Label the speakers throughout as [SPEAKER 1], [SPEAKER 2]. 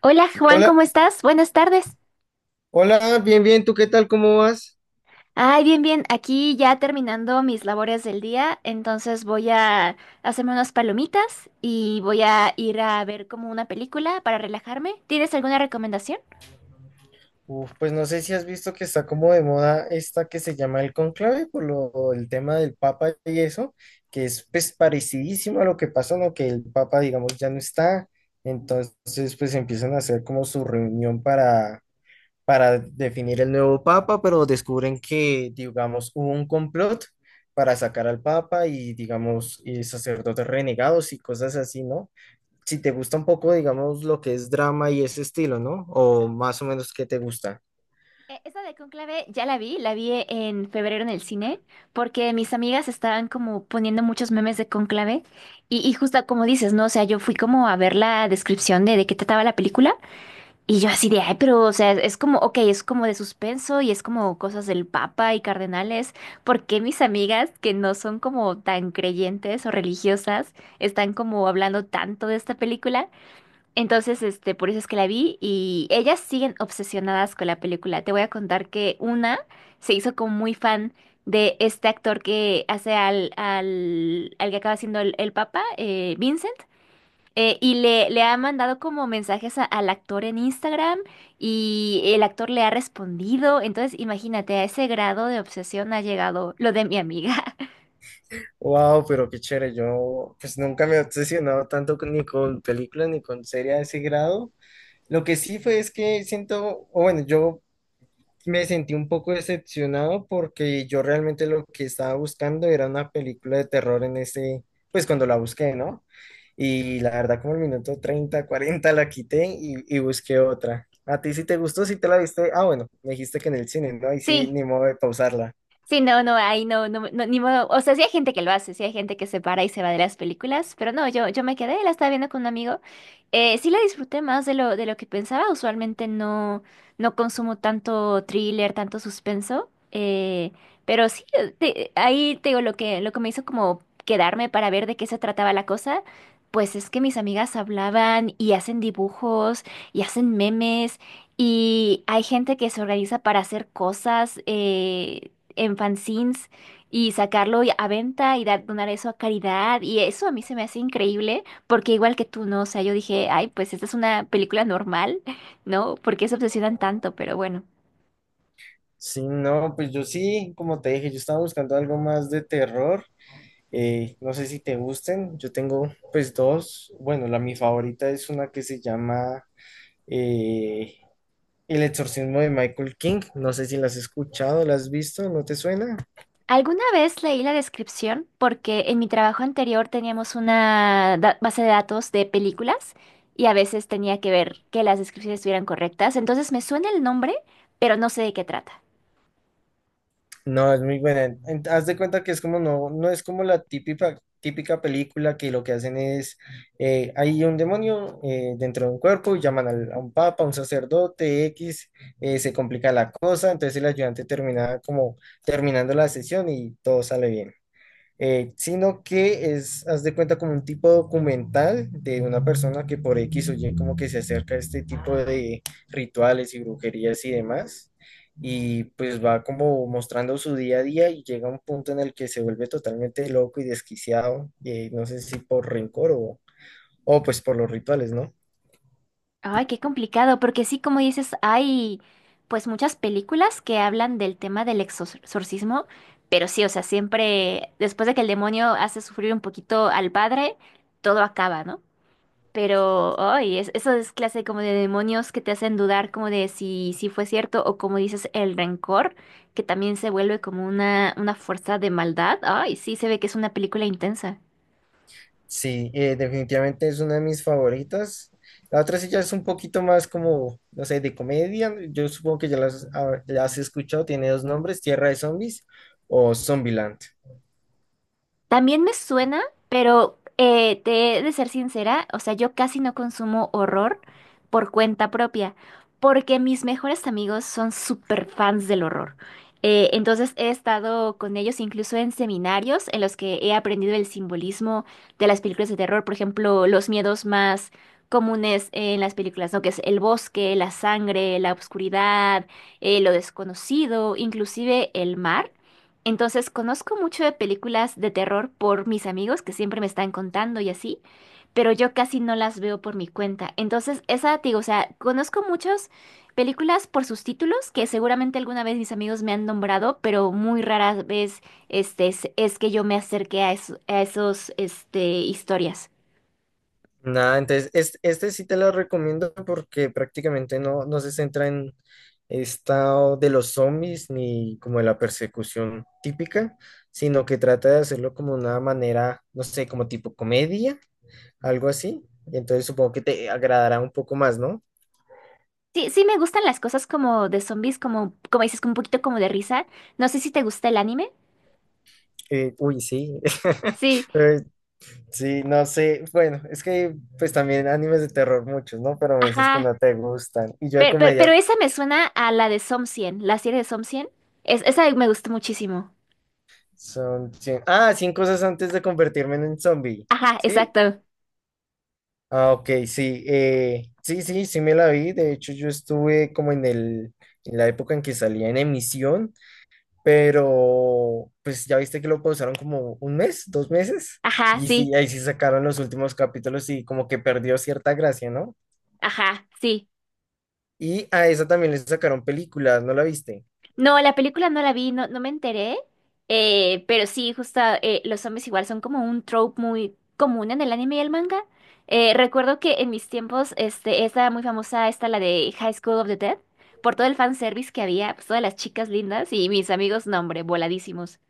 [SPEAKER 1] Hola Juan,
[SPEAKER 2] Hola,
[SPEAKER 1] ¿cómo estás? Buenas tardes.
[SPEAKER 2] hola, bien, bien, ¿tú qué tal? ¿Cómo vas?
[SPEAKER 1] Ay, bien, bien. Aquí ya terminando mis labores del día, entonces voy a hacerme unas palomitas y voy a ir a ver como una película para relajarme. ¿Tienes alguna recomendación?
[SPEAKER 2] Uf, pues no sé si has visto que está como de moda esta que se llama el Conclave el tema del Papa y eso, que es pues parecidísimo a lo que pasó, ¿no? Que el Papa, digamos, ya no está, entonces pues empiezan a hacer como su reunión para definir el nuevo Papa, pero descubren que, digamos, hubo un complot para sacar al Papa y, digamos, y sacerdotes renegados y cosas así, ¿no? Si te gusta un poco, digamos, lo que es drama y ese estilo, ¿no? O más o menos qué te gusta.
[SPEAKER 1] Esa de Conclave ya la vi en febrero en el cine, porque mis amigas estaban como poniendo muchos memes de Conclave y justo como dices, ¿no? O sea, yo fui como a ver la descripción de qué trataba la película. Y yo así de, ay, pero, o sea, es como, ok, es como de suspenso y es como cosas del Papa y cardenales. ¿Por qué mis amigas que no son como tan creyentes o religiosas están como hablando tanto de esta película? Entonces, por eso es que la vi y ellas siguen obsesionadas con la película. Te voy a contar que una se hizo como muy fan de este actor que hace al que acaba siendo el Papa, Vincent. Y le ha mandado como mensajes al actor en Instagram y el actor le ha respondido. Entonces, imagínate, a ese grado de obsesión ha llegado lo de mi amiga.
[SPEAKER 2] Wow, pero qué chévere. Yo pues nunca me he obsesionado tanto ni con películas ni con series a ese grado. Lo que sí fue es que siento, o bueno, yo me sentí un poco decepcionado porque yo realmente lo que estaba buscando era una película de terror en ese, pues cuando la busqué, ¿no? Y la verdad como el minuto 30 40 la quité y busqué otra. ¿A ti sí te gustó? ¿Sí te la viste? Ah, bueno, me dijiste que en el cine, ¿no? Y sí,
[SPEAKER 1] Sí,
[SPEAKER 2] ni modo de pausarla.
[SPEAKER 1] sí, no, no, ahí no, no, no, ni modo. O sea, sí hay gente que lo hace, sí hay gente que se para y se va de las películas, pero no, yo me quedé, la estaba viendo con un amigo. Sí la disfruté más de lo que pensaba. Usualmente no consumo tanto thriller, tanto suspenso. Pero sí, ahí te digo lo que, me hizo como quedarme para ver de qué se trataba la cosa. Pues es que mis amigas hablaban y hacen dibujos y hacen memes. Y hay gente que se organiza para hacer cosas. En fanzines y sacarlo a venta y donar eso a caridad. Y eso a mí se me hace increíble, porque igual que tú, ¿no? O sea, yo dije, ay, pues esta es una película normal, ¿no? ¿Por qué se obsesionan tanto? Pero bueno.
[SPEAKER 2] Sí, no, pues yo sí, como te dije, yo estaba buscando algo más de terror. No sé si te gusten, yo tengo pues dos. Bueno, la mi favorita es una que se llama eh, El exorcismo de Michael King, no sé si la has escuchado, la has visto, ¿no te suena?
[SPEAKER 1] Alguna vez leí la descripción porque en mi trabajo anterior teníamos una base de datos de películas y a veces tenía que ver que las descripciones estuvieran correctas. Entonces me suena el nombre, pero no sé de qué trata.
[SPEAKER 2] No, es muy buena. Haz de cuenta que es como no, no es como la típica, típica película que lo que hacen es, hay un demonio dentro de un cuerpo y llaman a un papa, a un sacerdote, X, se complica la cosa, entonces el ayudante termina como terminando la sesión y todo sale bien. Sino que es, haz de cuenta, como un tipo documental de una persona que por X o Y como que se acerca a este tipo de rituales y brujerías y demás, y pues va como mostrando su día a día y llega a un punto en el que se vuelve totalmente loco y desquiciado, no sé si por rencor o pues por los rituales, ¿no?
[SPEAKER 1] Ay, qué complicado, porque sí, como dices, hay pues muchas películas que hablan del tema del exorcismo, pero sí, o sea, siempre después de que el demonio hace sufrir un poquito al padre, todo acaba, ¿no? Pero, ay, eso es clase como de demonios que te hacen dudar como de si fue cierto o como dices, el rencor, que también se vuelve como una fuerza de maldad. Ay, sí, se ve que es una película intensa.
[SPEAKER 2] Sí, definitivamente es una de mis favoritas. La otra sí ya es un poquito más como, no sé, de comedia. Yo supongo que ya las, ah, ya has escuchado. Tiene dos nombres, Tierra de Zombies o Zombieland.
[SPEAKER 1] También me suena, pero te he de ser sincera, o sea, yo casi no consumo horror por cuenta propia, porque mis mejores amigos son súper fans del horror. Entonces he estado con ellos incluso en seminarios en los que he aprendido el simbolismo de las películas de terror, por ejemplo, los miedos más comunes en las películas, ¿no? Que es el bosque, la sangre, la oscuridad, lo desconocido, inclusive el mar. Entonces, conozco mucho de películas de terror por mis amigos que siempre me están contando y así, pero yo casi no las veo por mi cuenta. Entonces, esa, te digo, o sea, conozco muchas películas por sus títulos que seguramente alguna vez mis amigos me han nombrado, pero muy rara vez es que yo me acerqué a esos historias.
[SPEAKER 2] Nada, entonces es este sí te lo recomiendo porque prácticamente no, no se centra en estado de los zombies ni como de la persecución típica, sino que trata de hacerlo como una manera, no sé, como tipo comedia, algo así. Entonces supongo que te agradará un poco más, ¿no?
[SPEAKER 1] Sí, sí me gustan las cosas como de zombies, como, como dices, con un poquito como de risa. No sé si te gusta el anime.
[SPEAKER 2] Uy, sí.
[SPEAKER 1] Sí,
[SPEAKER 2] Eh, sí, no sé. Bueno, es que pues también animes de terror muchos, ¿no? Pero me dices que
[SPEAKER 1] ajá.
[SPEAKER 2] no te gustan. Y yo de
[SPEAKER 1] Pero, pero,
[SPEAKER 2] comedia
[SPEAKER 1] pero esa me suena a la de Som 100, la serie de Som 100. Es, esa me gustó muchísimo.
[SPEAKER 2] son 100. Ah, 100 cosas antes de convertirme en un zombie.
[SPEAKER 1] Ajá,
[SPEAKER 2] ¿Sí?
[SPEAKER 1] exacto.
[SPEAKER 2] Ah, ok, sí. Sí, sí, sí me la vi. De hecho, yo estuve como en el, en la época en que salía en emisión, pero pues ya viste que lo pausaron como un mes, 2 meses.
[SPEAKER 1] Ajá,
[SPEAKER 2] Y
[SPEAKER 1] sí.
[SPEAKER 2] sí, ahí sí sacaron los últimos capítulos y como que perdió cierta gracia, ¿no?
[SPEAKER 1] Ajá, sí.
[SPEAKER 2] Y a esa también le sacaron películas, ¿no la viste?
[SPEAKER 1] No, la película no la vi, no, no me enteré. Pero sí, justo los zombies igual son como un trope muy común en el anime y el manga. Recuerdo que en mis tiempos estaba muy famosa esta, la de High School of the Dead, por todo el fanservice que había, pues todas las chicas lindas y mis amigos, no, hombre, voladísimos.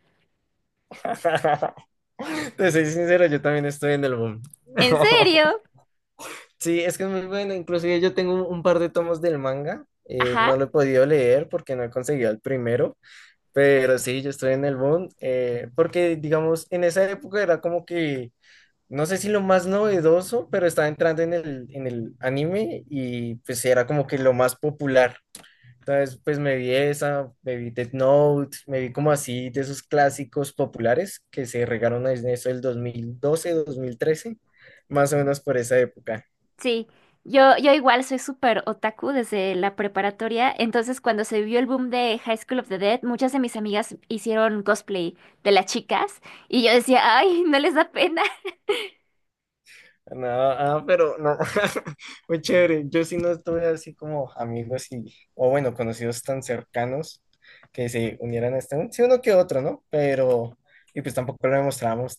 [SPEAKER 2] Te soy sincero, yo también estoy en el boom.
[SPEAKER 1] ¿En serio?
[SPEAKER 2] Sí, es que es muy bueno. Inclusive yo tengo un par de tomos del manga. No
[SPEAKER 1] Ajá.
[SPEAKER 2] lo he podido leer porque no he conseguido el primero. Pero sí, yo estoy en el boom. Porque, digamos, en esa época era como que, no sé si lo más novedoso, pero estaba entrando en el anime y pues era como que lo más popular. Entonces, pues me vi esa, me vi Death Note, me vi como así de esos clásicos populares que se regaron en eso del 2012, 2013, más o menos por esa época.
[SPEAKER 1] Sí, yo igual soy súper otaku desde la preparatoria, entonces cuando se vio el boom de High School of the Dead, muchas de mis amigas hicieron cosplay de las chicas y yo decía, ay, no les da pena.
[SPEAKER 2] No, ah, pero no, muy chévere. Yo sí no estuve así como amigos y, o bueno, conocidos tan cercanos que se unieran a este, sí uno que otro, ¿no? Pero, y pues tampoco lo demostrábamos.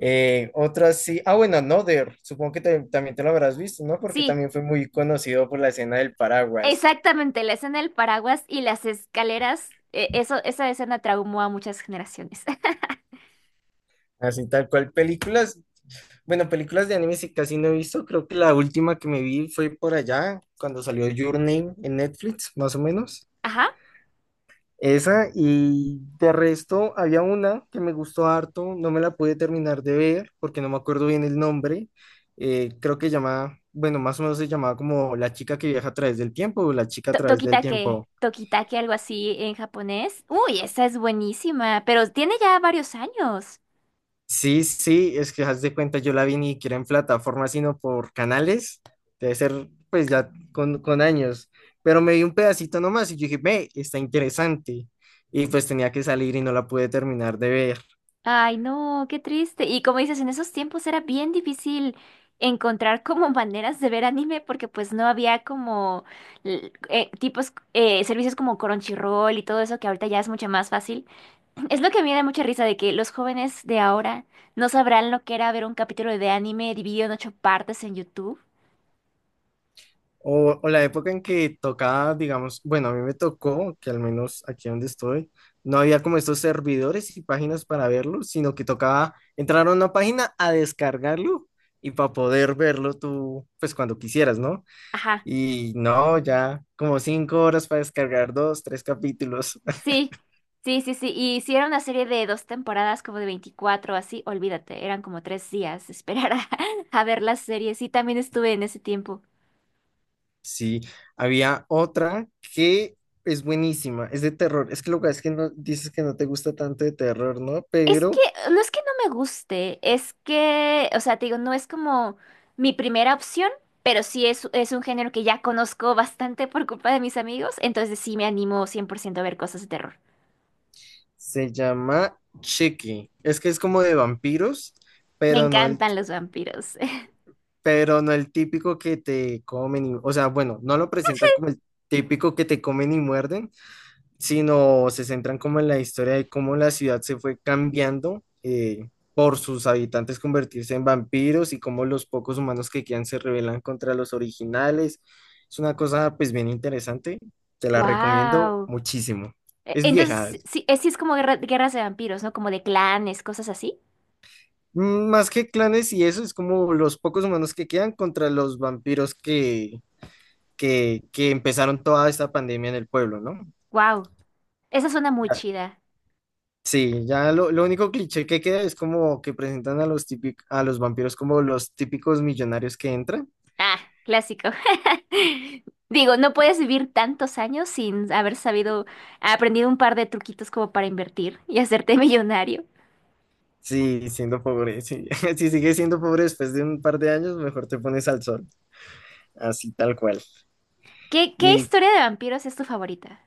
[SPEAKER 2] Otras sí, ah bueno, Another, supongo que también te lo habrás visto, ¿no? Porque
[SPEAKER 1] Sí,
[SPEAKER 2] también fue muy conocido por la escena del paraguas,
[SPEAKER 1] exactamente, la escena del paraguas y las escaleras, esa escena traumó a muchas generaciones.
[SPEAKER 2] así tal cual. Películas, bueno, películas de anime sí casi no he visto, creo que la última que me vi fue por allá, cuando salió Your Name en Netflix, más o menos.
[SPEAKER 1] Ajá,
[SPEAKER 2] Esa, y de resto había una que me gustó harto, no me la pude terminar de ver porque no me acuerdo bien el nombre, creo que llamaba, bueno, más o menos se llamaba como La chica que viaja a través del tiempo o La chica a través del
[SPEAKER 1] Tokitake,
[SPEAKER 2] tiempo.
[SPEAKER 1] Algo así en japonés. Uy, esa es buenísima, pero tiene ya varios años.
[SPEAKER 2] Sí, sí, es que haz de cuenta, yo la vi ni siquiera en plataforma, sino por canales, debe ser pues ya con años, pero me vi un pedacito nomás y yo dije, ve, está interesante, y pues tenía que salir y no la pude terminar de ver.
[SPEAKER 1] Ay, no, qué triste. Y como dices, en esos tiempos era bien difícil encontrar como maneras de ver anime porque pues no había como servicios como Crunchyroll y todo eso que ahorita ya es mucho más fácil. Es lo que a mí me da mucha risa de que los jóvenes de ahora no sabrán lo que era ver un capítulo de anime dividido en ocho partes en YouTube.
[SPEAKER 2] O la época en que tocaba, digamos, bueno, a mí me tocó, que al menos aquí donde estoy, no había como estos servidores y páginas para verlo, sino que tocaba entrar a una página a descargarlo y para poder verlo tú, pues cuando quisieras, ¿no?
[SPEAKER 1] Ajá.
[SPEAKER 2] Y no, ya como 5 horas para descargar dos, tres capítulos.
[SPEAKER 1] Sí, sí, sí, sí. Y si era una serie de dos temporadas, como de 24, así, olvídate, eran como tres días esperar a, a ver las series. Y también estuve en ese tiempo.
[SPEAKER 2] Sí, había otra que es buenísima, es de terror. Es que lo que es que no, dices que no te gusta tanto de terror, ¿no?
[SPEAKER 1] Es que,
[SPEAKER 2] Pero
[SPEAKER 1] no es que no me guste, es que, o sea, te digo, no es como mi primera opción, pero sí es un género que ya conozco bastante por culpa de mis amigos, entonces sí me animo 100% a ver cosas de terror.
[SPEAKER 2] se llama Chucky. Es que es como de vampiros,
[SPEAKER 1] Me
[SPEAKER 2] pero no el,
[SPEAKER 1] encantan los vampiros.
[SPEAKER 2] pero no el típico que te comen y, o sea, bueno, no lo presentan como el típico que te comen y muerden, sino se centran como en la historia de cómo la ciudad se fue cambiando por sus habitantes convertirse en vampiros y cómo los pocos humanos que quedan se rebelan contra los originales. Es una cosa pues bien interesante, te la recomiendo
[SPEAKER 1] Wow.
[SPEAKER 2] muchísimo. Es vieja,
[SPEAKER 1] Entonces, sí es como guerras de vampiros, ¿no? Como de clanes, cosas así.
[SPEAKER 2] más que clanes y eso, es como los pocos humanos que quedan contra los vampiros que, empezaron toda esta pandemia en el pueblo, ¿no?
[SPEAKER 1] Wow, esa suena muy chida.
[SPEAKER 2] Sí, ya lo único cliché que queda es como que presentan a los a los vampiros como los típicos millonarios que entran.
[SPEAKER 1] Ah, clásico. Digo, no puedes vivir tantos años sin haber sabido, aprendido un par de truquitos como para invertir y hacerte millonario.
[SPEAKER 2] Sí, siendo pobre, sí. Si sigues siendo pobre después de un par de años, mejor te pones al sol, así tal cual.
[SPEAKER 1] ¿Qué, qué
[SPEAKER 2] Y
[SPEAKER 1] historia de vampiros es tu favorita?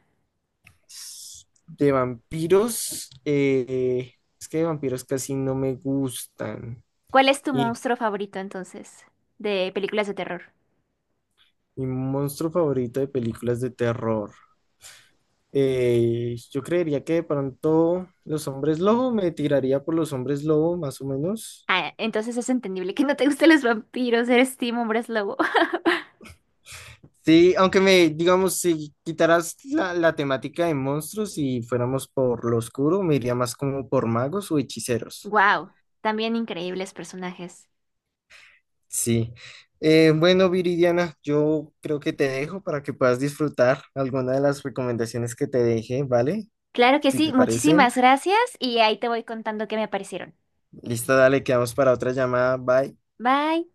[SPEAKER 2] de vampiros, es que de vampiros casi no me gustan.
[SPEAKER 1] ¿Cuál es tu
[SPEAKER 2] Y
[SPEAKER 1] monstruo favorito entonces de películas de terror?
[SPEAKER 2] mi monstruo favorito de películas de terror. Yo creería que de pronto los hombres lobo, me tiraría por los hombres lobo, más o menos.
[SPEAKER 1] Ah, entonces es entendible que no te gusten los vampiros, eres Team Hombres Lobo.
[SPEAKER 2] Sí, aunque me, digamos, si quitaras la temática de monstruos y fuéramos por lo oscuro, me iría más como por magos o hechiceros.
[SPEAKER 1] Wow, también increíbles personajes.
[SPEAKER 2] Sí. Bueno, Viridiana, yo creo que te dejo para que puedas disfrutar alguna de las recomendaciones que te dejé, ¿vale?
[SPEAKER 1] Claro que
[SPEAKER 2] Si te
[SPEAKER 1] sí, muchísimas
[SPEAKER 2] parecen.
[SPEAKER 1] gracias y ahí te voy contando qué me parecieron.
[SPEAKER 2] Listo, dale, quedamos para otra llamada. Bye.
[SPEAKER 1] Bye.